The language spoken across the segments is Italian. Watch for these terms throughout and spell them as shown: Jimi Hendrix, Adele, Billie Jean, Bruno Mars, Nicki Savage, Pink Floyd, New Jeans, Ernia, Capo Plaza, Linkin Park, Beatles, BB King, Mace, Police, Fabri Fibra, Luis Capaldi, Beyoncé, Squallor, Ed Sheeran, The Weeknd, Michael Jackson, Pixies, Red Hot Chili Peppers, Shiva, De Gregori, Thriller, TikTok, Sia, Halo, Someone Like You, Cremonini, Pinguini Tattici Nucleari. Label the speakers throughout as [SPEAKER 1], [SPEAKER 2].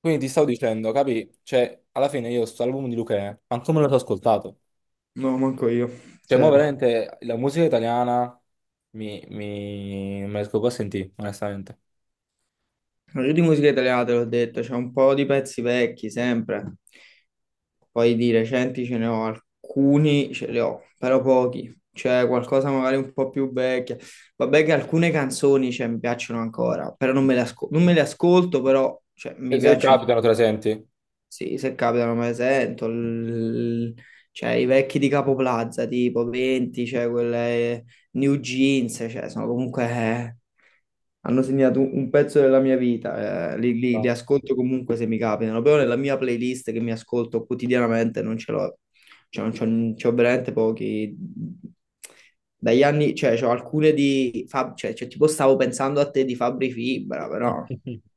[SPEAKER 1] Quindi ti stavo dicendo, capi? Cioè, alla fine io sto album di Luchè, manco me lo so ascoltato.
[SPEAKER 2] No, manco io,
[SPEAKER 1] Cioè, mo
[SPEAKER 2] zero.
[SPEAKER 1] veramente la musica italiana mi... non me la riesco più a sentire, onestamente.
[SPEAKER 2] No, io di musica italiana te l'ho detto, c'è un po' di pezzi vecchi sempre, poi di recenti ce ne ho alcuni, ce li ho, però pochi. C'è qualcosa magari un po' più vecchia. Vabbè che alcune canzoni, cioè, mi piacciono ancora, però non me le ascolto, però cioè,
[SPEAKER 1] Se,
[SPEAKER 2] mi
[SPEAKER 1] se
[SPEAKER 2] piacciono.
[SPEAKER 1] capitano, te la senti?
[SPEAKER 2] Sì, se capitano me le sento. Cioè i vecchi di Capo Plaza, tipo 20, cioè quelle New Jeans, cioè sono comunque, hanno segnato un pezzo della mia vita, li
[SPEAKER 1] No.
[SPEAKER 2] ascolto comunque se mi capitano, però nella mia playlist che mi ascolto quotidianamente non ce l'ho, cioè non c'ho veramente pochi, dagli anni, cioè c'ho alcune di, cioè, tipo stavo pensando a te di Fabri Fibra, però...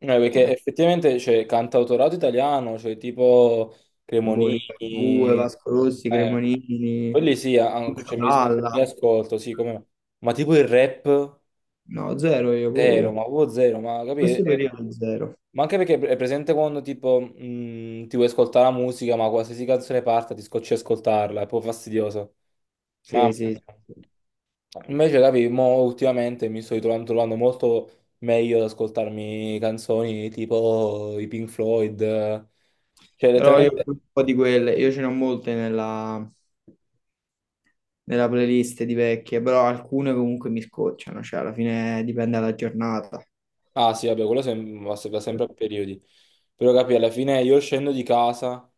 [SPEAKER 1] No, perché
[SPEAKER 2] eh,
[SPEAKER 1] effettivamente c'è cantautorato italiano, cioè tipo
[SPEAKER 2] Boh, Ligabue,
[SPEAKER 1] Cremonini,
[SPEAKER 2] Vasco Rossi,
[SPEAKER 1] eh,
[SPEAKER 2] Cremonini,
[SPEAKER 1] quelli sì,
[SPEAKER 2] Lucio
[SPEAKER 1] mi
[SPEAKER 2] Dalla.
[SPEAKER 1] ascolto, sì, come... no. Ma tipo il rap...
[SPEAKER 2] No, zero io, pure
[SPEAKER 1] Zero,
[SPEAKER 2] io.
[SPEAKER 1] ma proprio zero, ma capire?
[SPEAKER 2] Questo periodo è zero.
[SPEAKER 1] Ma anche perché è presente quando tipo ti vuoi ascoltare la musica, ma qualsiasi canzone parta ti scocci ad ascoltarla, è proprio fastidioso.
[SPEAKER 2] Sì,
[SPEAKER 1] Mamma
[SPEAKER 2] sì,
[SPEAKER 1] mia.
[SPEAKER 2] sì.
[SPEAKER 1] Invece, capi, mo ultimamente mi sto ritrovando trovando molto meglio ad ascoltarmi canzoni tipo i Pink Floyd. Cioè,
[SPEAKER 2] Però io
[SPEAKER 1] letteralmente...
[SPEAKER 2] ho un po' di quelle, io ce ne ho molte nella playlist di vecchie, però alcune comunque mi scocciano, cioè alla fine dipende dalla giornata.
[SPEAKER 1] Ah sì, vabbè, quello sem- va se- va sempre a periodi. Però capi, alla fine io scendo di casa.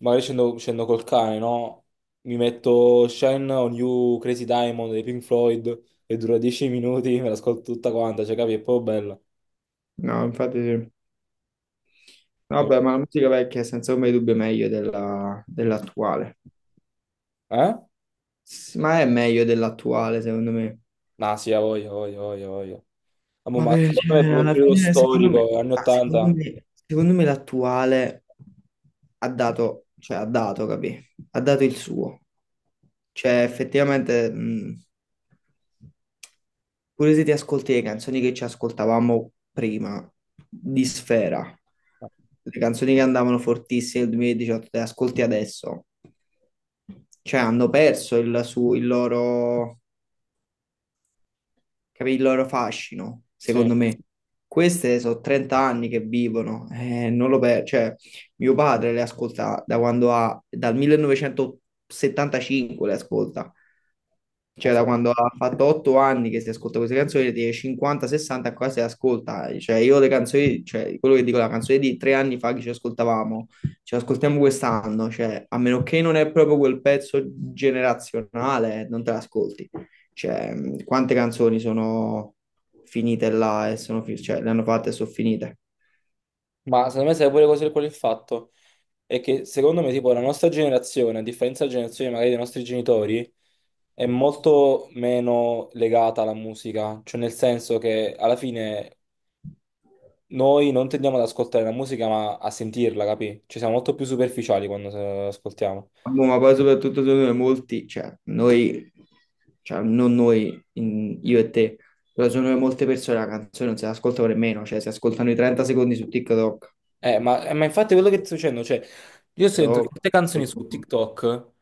[SPEAKER 1] Magari scendo col cane, no? Mi metto Shine on You, Crazy Diamond dei Pink Floyd e dura 10 minuti, me l'ascolto tutta quanta, cioè capi, è proprio bella.
[SPEAKER 2] No, infatti sì. Vabbè, ma la musica vecchia è senza ombra di dubbio meglio dell'attuale.
[SPEAKER 1] Eh?
[SPEAKER 2] Ma è meglio dell'attuale, secondo me.
[SPEAKER 1] No, sì, ha voglia, ha voglia, ha voglia, ha voglia. Ah, boh, ma
[SPEAKER 2] Vabbè,
[SPEAKER 1] secondo me è
[SPEAKER 2] cioè,
[SPEAKER 1] proprio il
[SPEAKER 2] alla
[SPEAKER 1] periodo
[SPEAKER 2] fine, secondo me,
[SPEAKER 1] storico, anni
[SPEAKER 2] secondo
[SPEAKER 1] 80.
[SPEAKER 2] me, secondo me l'attuale ha dato, cioè ha dato, capì? Ha dato il suo. Cioè, effettivamente, pure se ti ascolti le canzoni che ci ascoltavamo prima di Sfera, le canzoni che andavano fortissime nel 2018, te le ascolti adesso, cioè hanno perso il loro, capì, il loro fascino,
[SPEAKER 1] Sì.
[SPEAKER 2] secondo me. Queste sono 30 anni che vivono, non lo per- cioè, mio padre le ascolta dal 1975 le ascolta, cioè da quando ha fatto 8 anni che si ascolta queste canzoni, di 50-60 qua si ascolta, cioè io le canzoni, cioè quello che dico, la canzone di 3 anni fa che ci ascoltavamo, ci ascoltiamo quest'anno, cioè a meno che non è proprio quel pezzo generazionale, non te l'ascolti. Cioè, quante canzoni sono finite là e cioè, le hanno fatte e sono finite.
[SPEAKER 1] Ma secondo me sai pure cos'è qual è il fatto? È che secondo me tipo la nostra generazione, a differenza della generazione magari dei nostri genitori, è molto meno legata alla musica, cioè nel senso che alla fine noi non tendiamo ad ascoltare la musica, ma a sentirla, capì? Ci siamo molto più superficiali quando ascoltiamo.
[SPEAKER 2] Boh, ma poi soprattutto secondo me molti, cioè noi, cioè non noi, io e te, però secondo me molte persone la canzone non se l'ascoltano nemmeno, cioè si ascoltano i 30 secondi su TikTok.
[SPEAKER 1] Ma infatti quello che ti sto dicendo, cioè, io sento
[SPEAKER 2] TikTok,
[SPEAKER 1] certe canzoni su TikTok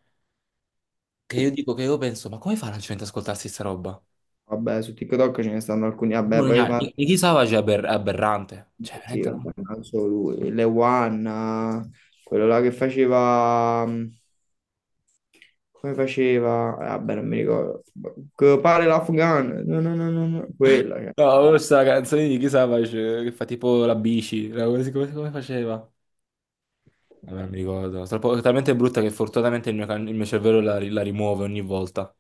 [SPEAKER 1] che io dico che io penso, ma come fa la gente ad ascoltarsi sta roba?
[SPEAKER 2] vabbè, su TikTok ce ne stanno alcuni, vabbè,
[SPEAKER 1] Pure Nicki Savage è aberrante. Cioè,
[SPEAKER 2] sì,
[SPEAKER 1] veramente
[SPEAKER 2] vabbè,
[SPEAKER 1] no.
[SPEAKER 2] non solo lui, Le One, eh, quello là che faceva... Come faceva? Vabbè, non mi ricordo. Quello pare l'Afghan. No, no, no, no, no. Quella che,
[SPEAKER 1] No, ho
[SPEAKER 2] ah,
[SPEAKER 1] visto la canzone di Nicki Savage che fa tipo la bici, come faceva? Vabbè, non mi ricordo. Talmente brutta che fortunatamente il mio cervello la rimuove ogni volta.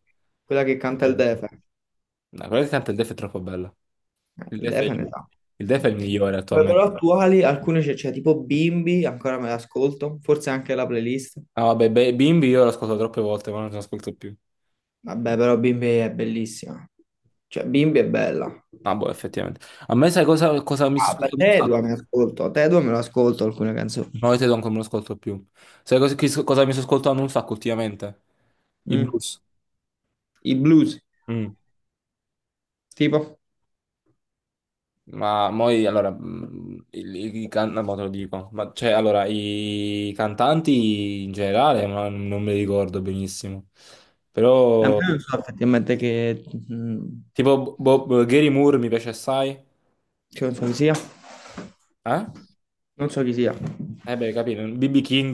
[SPEAKER 2] quella che canta
[SPEAKER 1] Ok.
[SPEAKER 2] il Defe.
[SPEAKER 1] No, quello che canta il DEF è troppo bello.
[SPEAKER 2] Eh,
[SPEAKER 1] Il
[SPEAKER 2] Il
[SPEAKER 1] DEF è
[SPEAKER 2] Defe ne
[SPEAKER 1] il,
[SPEAKER 2] sa.
[SPEAKER 1] il DEF è il migliore
[SPEAKER 2] Beh,
[SPEAKER 1] attualmente.
[SPEAKER 2] però attuali, alcune c'è tipo Bimbi, ancora me l'ascolto. Forse anche la playlist.
[SPEAKER 1] Ah, vabbè, Bimbi io l'ho ascoltato troppe volte, ma non lo ascolto più.
[SPEAKER 2] Vabbè, però Bimbi è bellissima. Cioè, Bimbi è bella.
[SPEAKER 1] Ah, boh, effettivamente. A me sai cosa mi sto
[SPEAKER 2] Ah, beh,
[SPEAKER 1] ascoltando un
[SPEAKER 2] Tedua me
[SPEAKER 1] sacco?
[SPEAKER 2] l'ascolto. Tedua me lo ascolto alcune canzoni.
[SPEAKER 1] No, io te non me lo ascolto più. Sai cosa mi sto ascoltando un sacco ultimamente? I
[SPEAKER 2] Mm.
[SPEAKER 1] blues.
[SPEAKER 2] I blues,
[SPEAKER 1] Mm.
[SPEAKER 2] tipo.
[SPEAKER 1] Ma moi, allora, mm, il- i, can- no, mo te lo dico. Ma cioè, allora, i cantanti in generale, ma non me li ricordo benissimo.
[SPEAKER 2] Ma
[SPEAKER 1] Però,
[SPEAKER 2] io non so effettivamente mm,
[SPEAKER 1] tipo, Gary Moore mi piace assai.
[SPEAKER 2] che canzone sia.
[SPEAKER 1] Eh?
[SPEAKER 2] Non so chi sia.
[SPEAKER 1] Eh beh, capito, BB King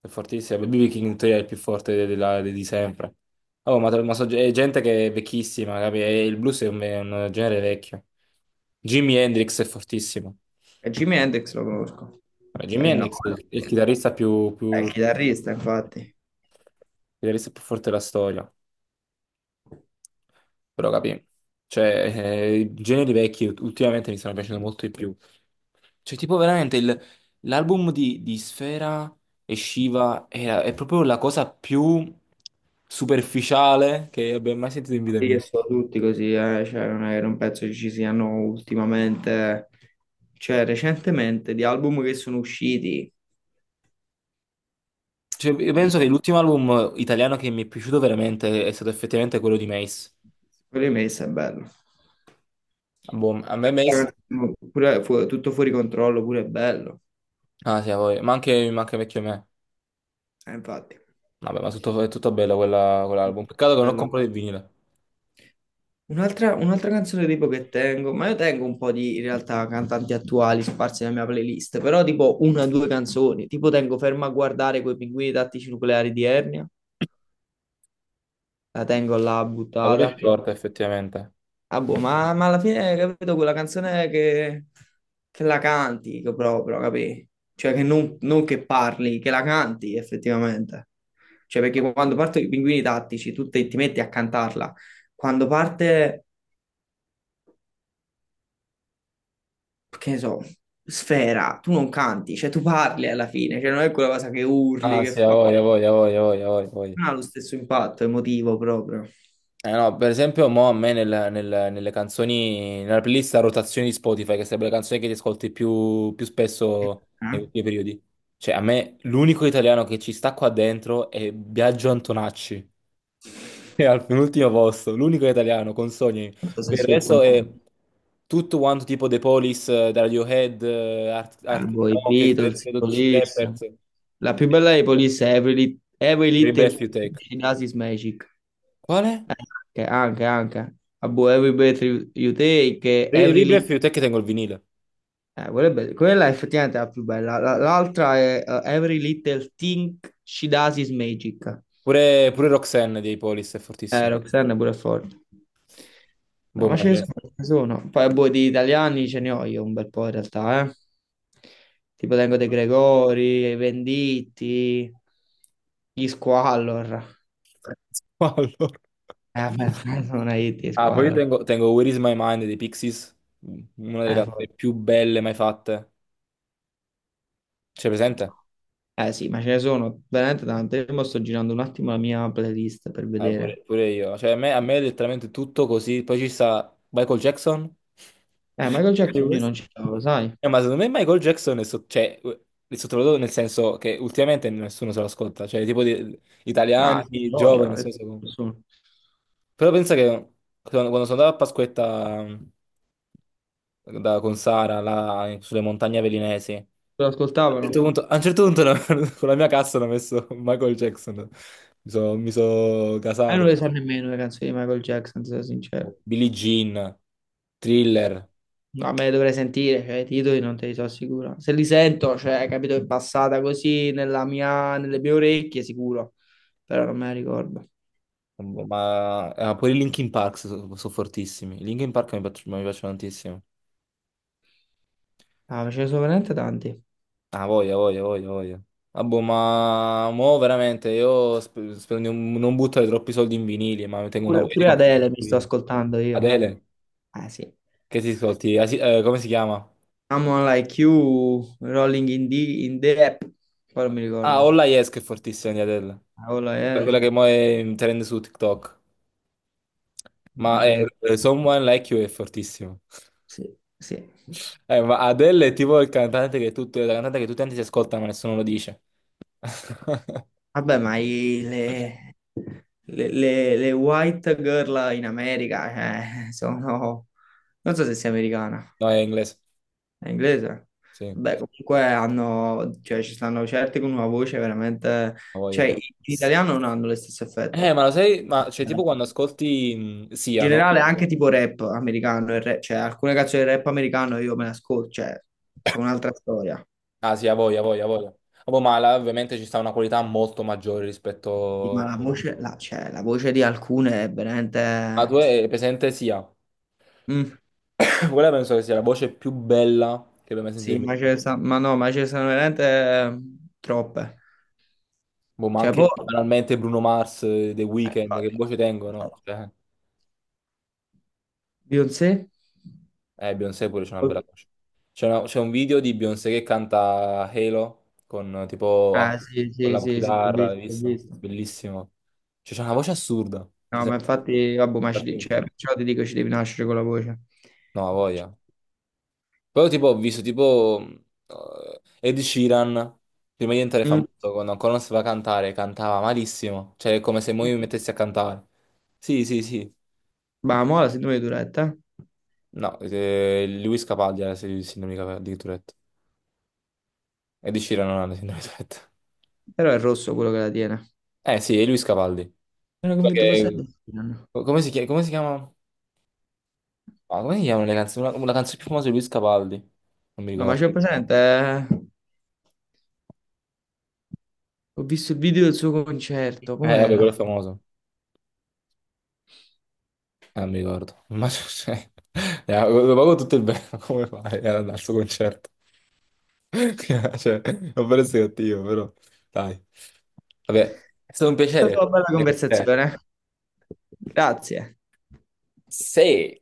[SPEAKER 1] è fortissimo, BB King in teoria è il più forte di sempre. Oh, è gente che è vecchissima, capi? E il blues è è un genere vecchio. Jimi Hendrix è fortissimo.
[SPEAKER 2] E Jimi Hendrix lo conosco.
[SPEAKER 1] Vabbè,
[SPEAKER 2] Cioè
[SPEAKER 1] Jimi
[SPEAKER 2] il nome.
[SPEAKER 1] Hendrix è il chitarrista più,
[SPEAKER 2] È
[SPEAKER 1] più,
[SPEAKER 2] il
[SPEAKER 1] il
[SPEAKER 2] chitarrista, infatti.
[SPEAKER 1] chitarrista più forte della storia. Però capì. Cioè, i generi vecchi ultimamente mi stanno piacendo molto di più. Cioè, tipo veramente l'album di Sfera e Shiva è proprio la cosa più superficiale che abbia mai sentito in vita
[SPEAKER 2] Sì, che
[SPEAKER 1] mia.
[SPEAKER 2] sono tutti così, cioè, non penso che ci siano ultimamente, cioè recentemente, di album che sono usciti.
[SPEAKER 1] Cioè, io penso
[SPEAKER 2] Quello
[SPEAKER 1] che l'ultimo album italiano che mi è piaciuto veramente è stato effettivamente quello di Mace.
[SPEAKER 2] di Messa è bello.
[SPEAKER 1] Boh, a me Mace...
[SPEAKER 2] Pure, tutto fuori controllo, pure è bello.
[SPEAKER 1] Ah sì, a voi. Ma anche vecchio me.
[SPEAKER 2] Infatti,
[SPEAKER 1] Vabbè, è tutto bello quell'album. Peccato che non ho
[SPEAKER 2] bello.
[SPEAKER 1] comprato il vinile.
[SPEAKER 2] Un'altra canzone tipo che tengo, ma io tengo un po' di in realtà cantanti attuali sparsi nella mia playlist, però tipo una o due canzoni, tipo tengo Ferma a guardare quei pinguini tattici nucleari di Ernia, la tengo là
[SPEAKER 1] Ma quello è
[SPEAKER 2] buttata,
[SPEAKER 1] forte, effettivamente.
[SPEAKER 2] ah, boh, ma alla fine, capito, quella canzone che la canti che proprio, capì? Cioè che non che parli, che la canti effettivamente. Cioè perché quando partono i pinguini tattici tu ti metti a cantarla, quando parte... che ne so, Sfera, tu non canti, cioè tu parli alla fine, cioè non è quella cosa che urli,
[SPEAKER 1] Ah,
[SPEAKER 2] che
[SPEAKER 1] sì, a
[SPEAKER 2] fai,
[SPEAKER 1] voglia, a voglia, a voglia, a voglia, a voglia, a voglia.
[SPEAKER 2] non ha lo stesso impatto emotivo proprio.
[SPEAKER 1] Eh no, per esempio, mo a me nelle canzoni, nella playlist a rotazione di Spotify, che sarebbe la canzone che ti ascolti più spesso
[SPEAKER 2] Eh?
[SPEAKER 1] negli ultimi periodi. Cioè, a me l'unico italiano che ci sta qua dentro è Biagio Antonacci, è al penultimo posto, l'unico italiano con Sogni.
[SPEAKER 2] Non so se
[SPEAKER 1] Per il
[SPEAKER 2] su
[SPEAKER 1] resto è tutto quanto tipo The Police, da Radiohead, Arctic
[SPEAKER 2] boh, i
[SPEAKER 1] Monkeys,
[SPEAKER 2] Beatles, i
[SPEAKER 1] Red Hot Chili
[SPEAKER 2] Police.
[SPEAKER 1] Peppers,
[SPEAKER 2] La più bella dei Police è Every
[SPEAKER 1] Every
[SPEAKER 2] Little
[SPEAKER 1] Breath You
[SPEAKER 2] Thing
[SPEAKER 1] Take.
[SPEAKER 2] di Nasis Magic.
[SPEAKER 1] Quale?
[SPEAKER 2] Eh, anche, anche, anche. Ah, boh, every breath you take.
[SPEAKER 1] Devi
[SPEAKER 2] Every
[SPEAKER 1] devi
[SPEAKER 2] little
[SPEAKER 1] Blueprint è che tengo il vinile.
[SPEAKER 2] Quella, è be- Quella è effettivamente la più bella. L'altra è Every Little Thing She Does Is Magic.
[SPEAKER 1] Pure, pure Roxanne dei Polis è fortissimo.
[SPEAKER 2] Roxanne è pure forte. No,
[SPEAKER 1] Boh,
[SPEAKER 2] ma
[SPEAKER 1] ma
[SPEAKER 2] ce ne
[SPEAKER 1] c'è.
[SPEAKER 2] sono, ce ne sono. Poi, boh, di italiani ce ne ho io un bel po' in realtà, eh. Tipo tengo De Gregori, i Venditti, gli Squallor.
[SPEAKER 1] Allora.
[SPEAKER 2] Beh, non hai detto gli
[SPEAKER 1] Ah, poi io
[SPEAKER 2] Squallor.
[SPEAKER 1] tengo Where is my mind dei Pixies, una delle canzoni
[SPEAKER 2] Forte.
[SPEAKER 1] più belle mai fatte. C'è presente?
[SPEAKER 2] Eh sì, ma ce ne sono veramente tante. Io mo sto girando un attimo la mia playlist per
[SPEAKER 1] Ah, pure,
[SPEAKER 2] vedere.
[SPEAKER 1] pure io. Cioè, a me è letteralmente tutto così. Poi ci sta Michael Jackson.
[SPEAKER 2] Michael
[SPEAKER 1] E
[SPEAKER 2] Jackson io
[SPEAKER 1] questo...
[SPEAKER 2] non ce l'avevo, sai?
[SPEAKER 1] Ma secondo me Michael Jackson è sottovalutato nel senso che ultimamente nessuno se lo ascolta. Cioè, tipo italiani,
[SPEAKER 2] Ah, sì,
[SPEAKER 1] giovani,
[SPEAKER 2] gioia.
[SPEAKER 1] non so se...
[SPEAKER 2] Nessuno.
[SPEAKER 1] Però pensa che quando sono andato a Pasquetta con Sara là, sulle montagne velinesi,
[SPEAKER 2] Lo ascoltavano?
[SPEAKER 1] a un certo punto no, con la mia cassa hanno messo Michael Jackson. Mi so
[SPEAKER 2] Ma io non
[SPEAKER 1] casato.
[SPEAKER 2] le so nemmeno le canzoni di Michael Jackson, se sono sincero.
[SPEAKER 1] Billie Jean, Thriller,
[SPEAKER 2] No, me le dovrei sentire, cioè, i titoli non te li so sicuro. Se li sento, cioè, capito, è passata così nelle mie orecchie, sicuro. Però non me la ricordo.
[SPEAKER 1] pure i Linkin Park sono fortissimi. I Linkin Park mi piacciono tantissimo.
[SPEAKER 2] Ah, ma ce ne sono veramente tanti.
[SPEAKER 1] Ah, voglia, voglia, voglia, voglia. Ah, boh, ma mo veramente io spero di non non buttare troppi soldi in vinili, ma tengo una
[SPEAKER 2] Pure,
[SPEAKER 1] voglia di
[SPEAKER 2] pure
[SPEAKER 1] comprare
[SPEAKER 2] Adele mi sto
[SPEAKER 1] vinili.
[SPEAKER 2] ascoltando io.
[SPEAKER 1] Adele.
[SPEAKER 2] Ah, sì.
[SPEAKER 1] Che ti ascolti? Ah, sì, come si chiama?
[SPEAKER 2] Someone Like You, Rolling in the App. Poi non mi
[SPEAKER 1] Ah,
[SPEAKER 2] ricordo.
[SPEAKER 1] Olla Yes che è fortissima di Adele.
[SPEAKER 2] Ah, quello è-
[SPEAKER 1] Quella che mo è in trend su TikTok.
[SPEAKER 2] ma ce ne sono.
[SPEAKER 1] Someone Like You è fortissimo.
[SPEAKER 2] Sì, sì.
[SPEAKER 1] Ma Adele è tipo il cantante che tutto, la cantante che tutti quanti si ascoltano ma nessuno lo dice.
[SPEAKER 2] Vabbè, le white girl in America, sono... Non so se sia americana,
[SPEAKER 1] No, è inglese.
[SPEAKER 2] è inglese.
[SPEAKER 1] Sì, lo
[SPEAKER 2] Vabbè, comunque hanno... Cioè, ci stanno certi con una voce veramente... Cioè, in
[SPEAKER 1] voglio.
[SPEAKER 2] italiano non hanno lo stesso effetto.
[SPEAKER 1] Ma lo sai, ma cioè,
[SPEAKER 2] In
[SPEAKER 1] tipo quando ascolti Sia, no?
[SPEAKER 2] generale, anche tipo rap americano, cioè, alcune canzoni del rap americano io me le ascolto, cioè, sono un'altra storia.
[SPEAKER 1] Ah, sì, a voglia, a voglia, a voglia. Vabbè, ma là, ovviamente ci sta una qualità molto maggiore
[SPEAKER 2] Sì, ma
[SPEAKER 1] rispetto...
[SPEAKER 2] la voce, la voce di alcune è
[SPEAKER 1] Ma
[SPEAKER 2] veramente...
[SPEAKER 1] tu è presente Sia?
[SPEAKER 2] Mm.
[SPEAKER 1] Quella penso che sia la voce più bella che abbia mai sentito
[SPEAKER 2] Sì,
[SPEAKER 1] in vita mia.
[SPEAKER 2] ma no, ma ce ne sono veramente troppe.
[SPEAKER 1] Boh, ma
[SPEAKER 2] Cioè, poi...
[SPEAKER 1] anche banalmente Bruno Mars, The Weeknd, che
[SPEAKER 2] infatti.
[SPEAKER 1] voce tengono?
[SPEAKER 2] Infatti.
[SPEAKER 1] Cioè,
[SPEAKER 2] Beyoncé?
[SPEAKER 1] Beyoncé pure c'è una bella voce. C'è un video di Beyoncé che canta Halo con
[SPEAKER 2] Ah, sì,
[SPEAKER 1] con
[SPEAKER 2] sì,
[SPEAKER 1] la
[SPEAKER 2] sì, sì, ho
[SPEAKER 1] chitarra,
[SPEAKER 2] visto,
[SPEAKER 1] hai
[SPEAKER 2] ho
[SPEAKER 1] visto?
[SPEAKER 2] visto.
[SPEAKER 1] Bellissimo. Cioè, c'è una voce assurda. Cioè,
[SPEAKER 2] No, ma infatti, vabbè,
[SPEAKER 1] sembra finta.
[SPEAKER 2] cioè, perciò ti dico, ci devi nascere con la voce.
[SPEAKER 1] No, ha voglia. Però tipo ho visto tipo Ed Sheeran, prima di diventare
[SPEAKER 2] Mm.
[SPEAKER 1] famoso, quando ancora non sapeva cantare, cantava malissimo. Cioè, è come se mo io mi mettessi a cantare. Sì, sì, sì.
[SPEAKER 2] Ma mo la sindrome di Tourette, eh?
[SPEAKER 1] No, Luis Capaldi era il sindaco di di Tourette. Ed Sheeran non ha la sindrome di Tourette.
[SPEAKER 2] Però è rosso quello che la tiene.
[SPEAKER 1] Eh sì, è Luis Capaldi.
[SPEAKER 2] Ero
[SPEAKER 1] Quello
[SPEAKER 2] convinto fosse Ed
[SPEAKER 1] che...
[SPEAKER 2] Sheeran.
[SPEAKER 1] Come si chiama? Come si chiama? Ah, come si chiamano le canzoni? Una canzone più famosa di Luis Capaldi. Non mi
[SPEAKER 2] No, ma
[SPEAKER 1] ricordo.
[SPEAKER 2] c'è presente? Ho visto il video del suo concerto,
[SPEAKER 1] Vabbè, quello è
[SPEAKER 2] com'era? È
[SPEAKER 1] famoso. Non mi ricordo. Ma cioè... lo pago tutto il bene, come fai ad andare al suo concerto? Cioè, non per essere cattivo, però. Dai, vabbè, è stato un
[SPEAKER 2] stata
[SPEAKER 1] piacere
[SPEAKER 2] una bella
[SPEAKER 1] essere con te.
[SPEAKER 2] conversazione. Grazie.
[SPEAKER 1] Sì,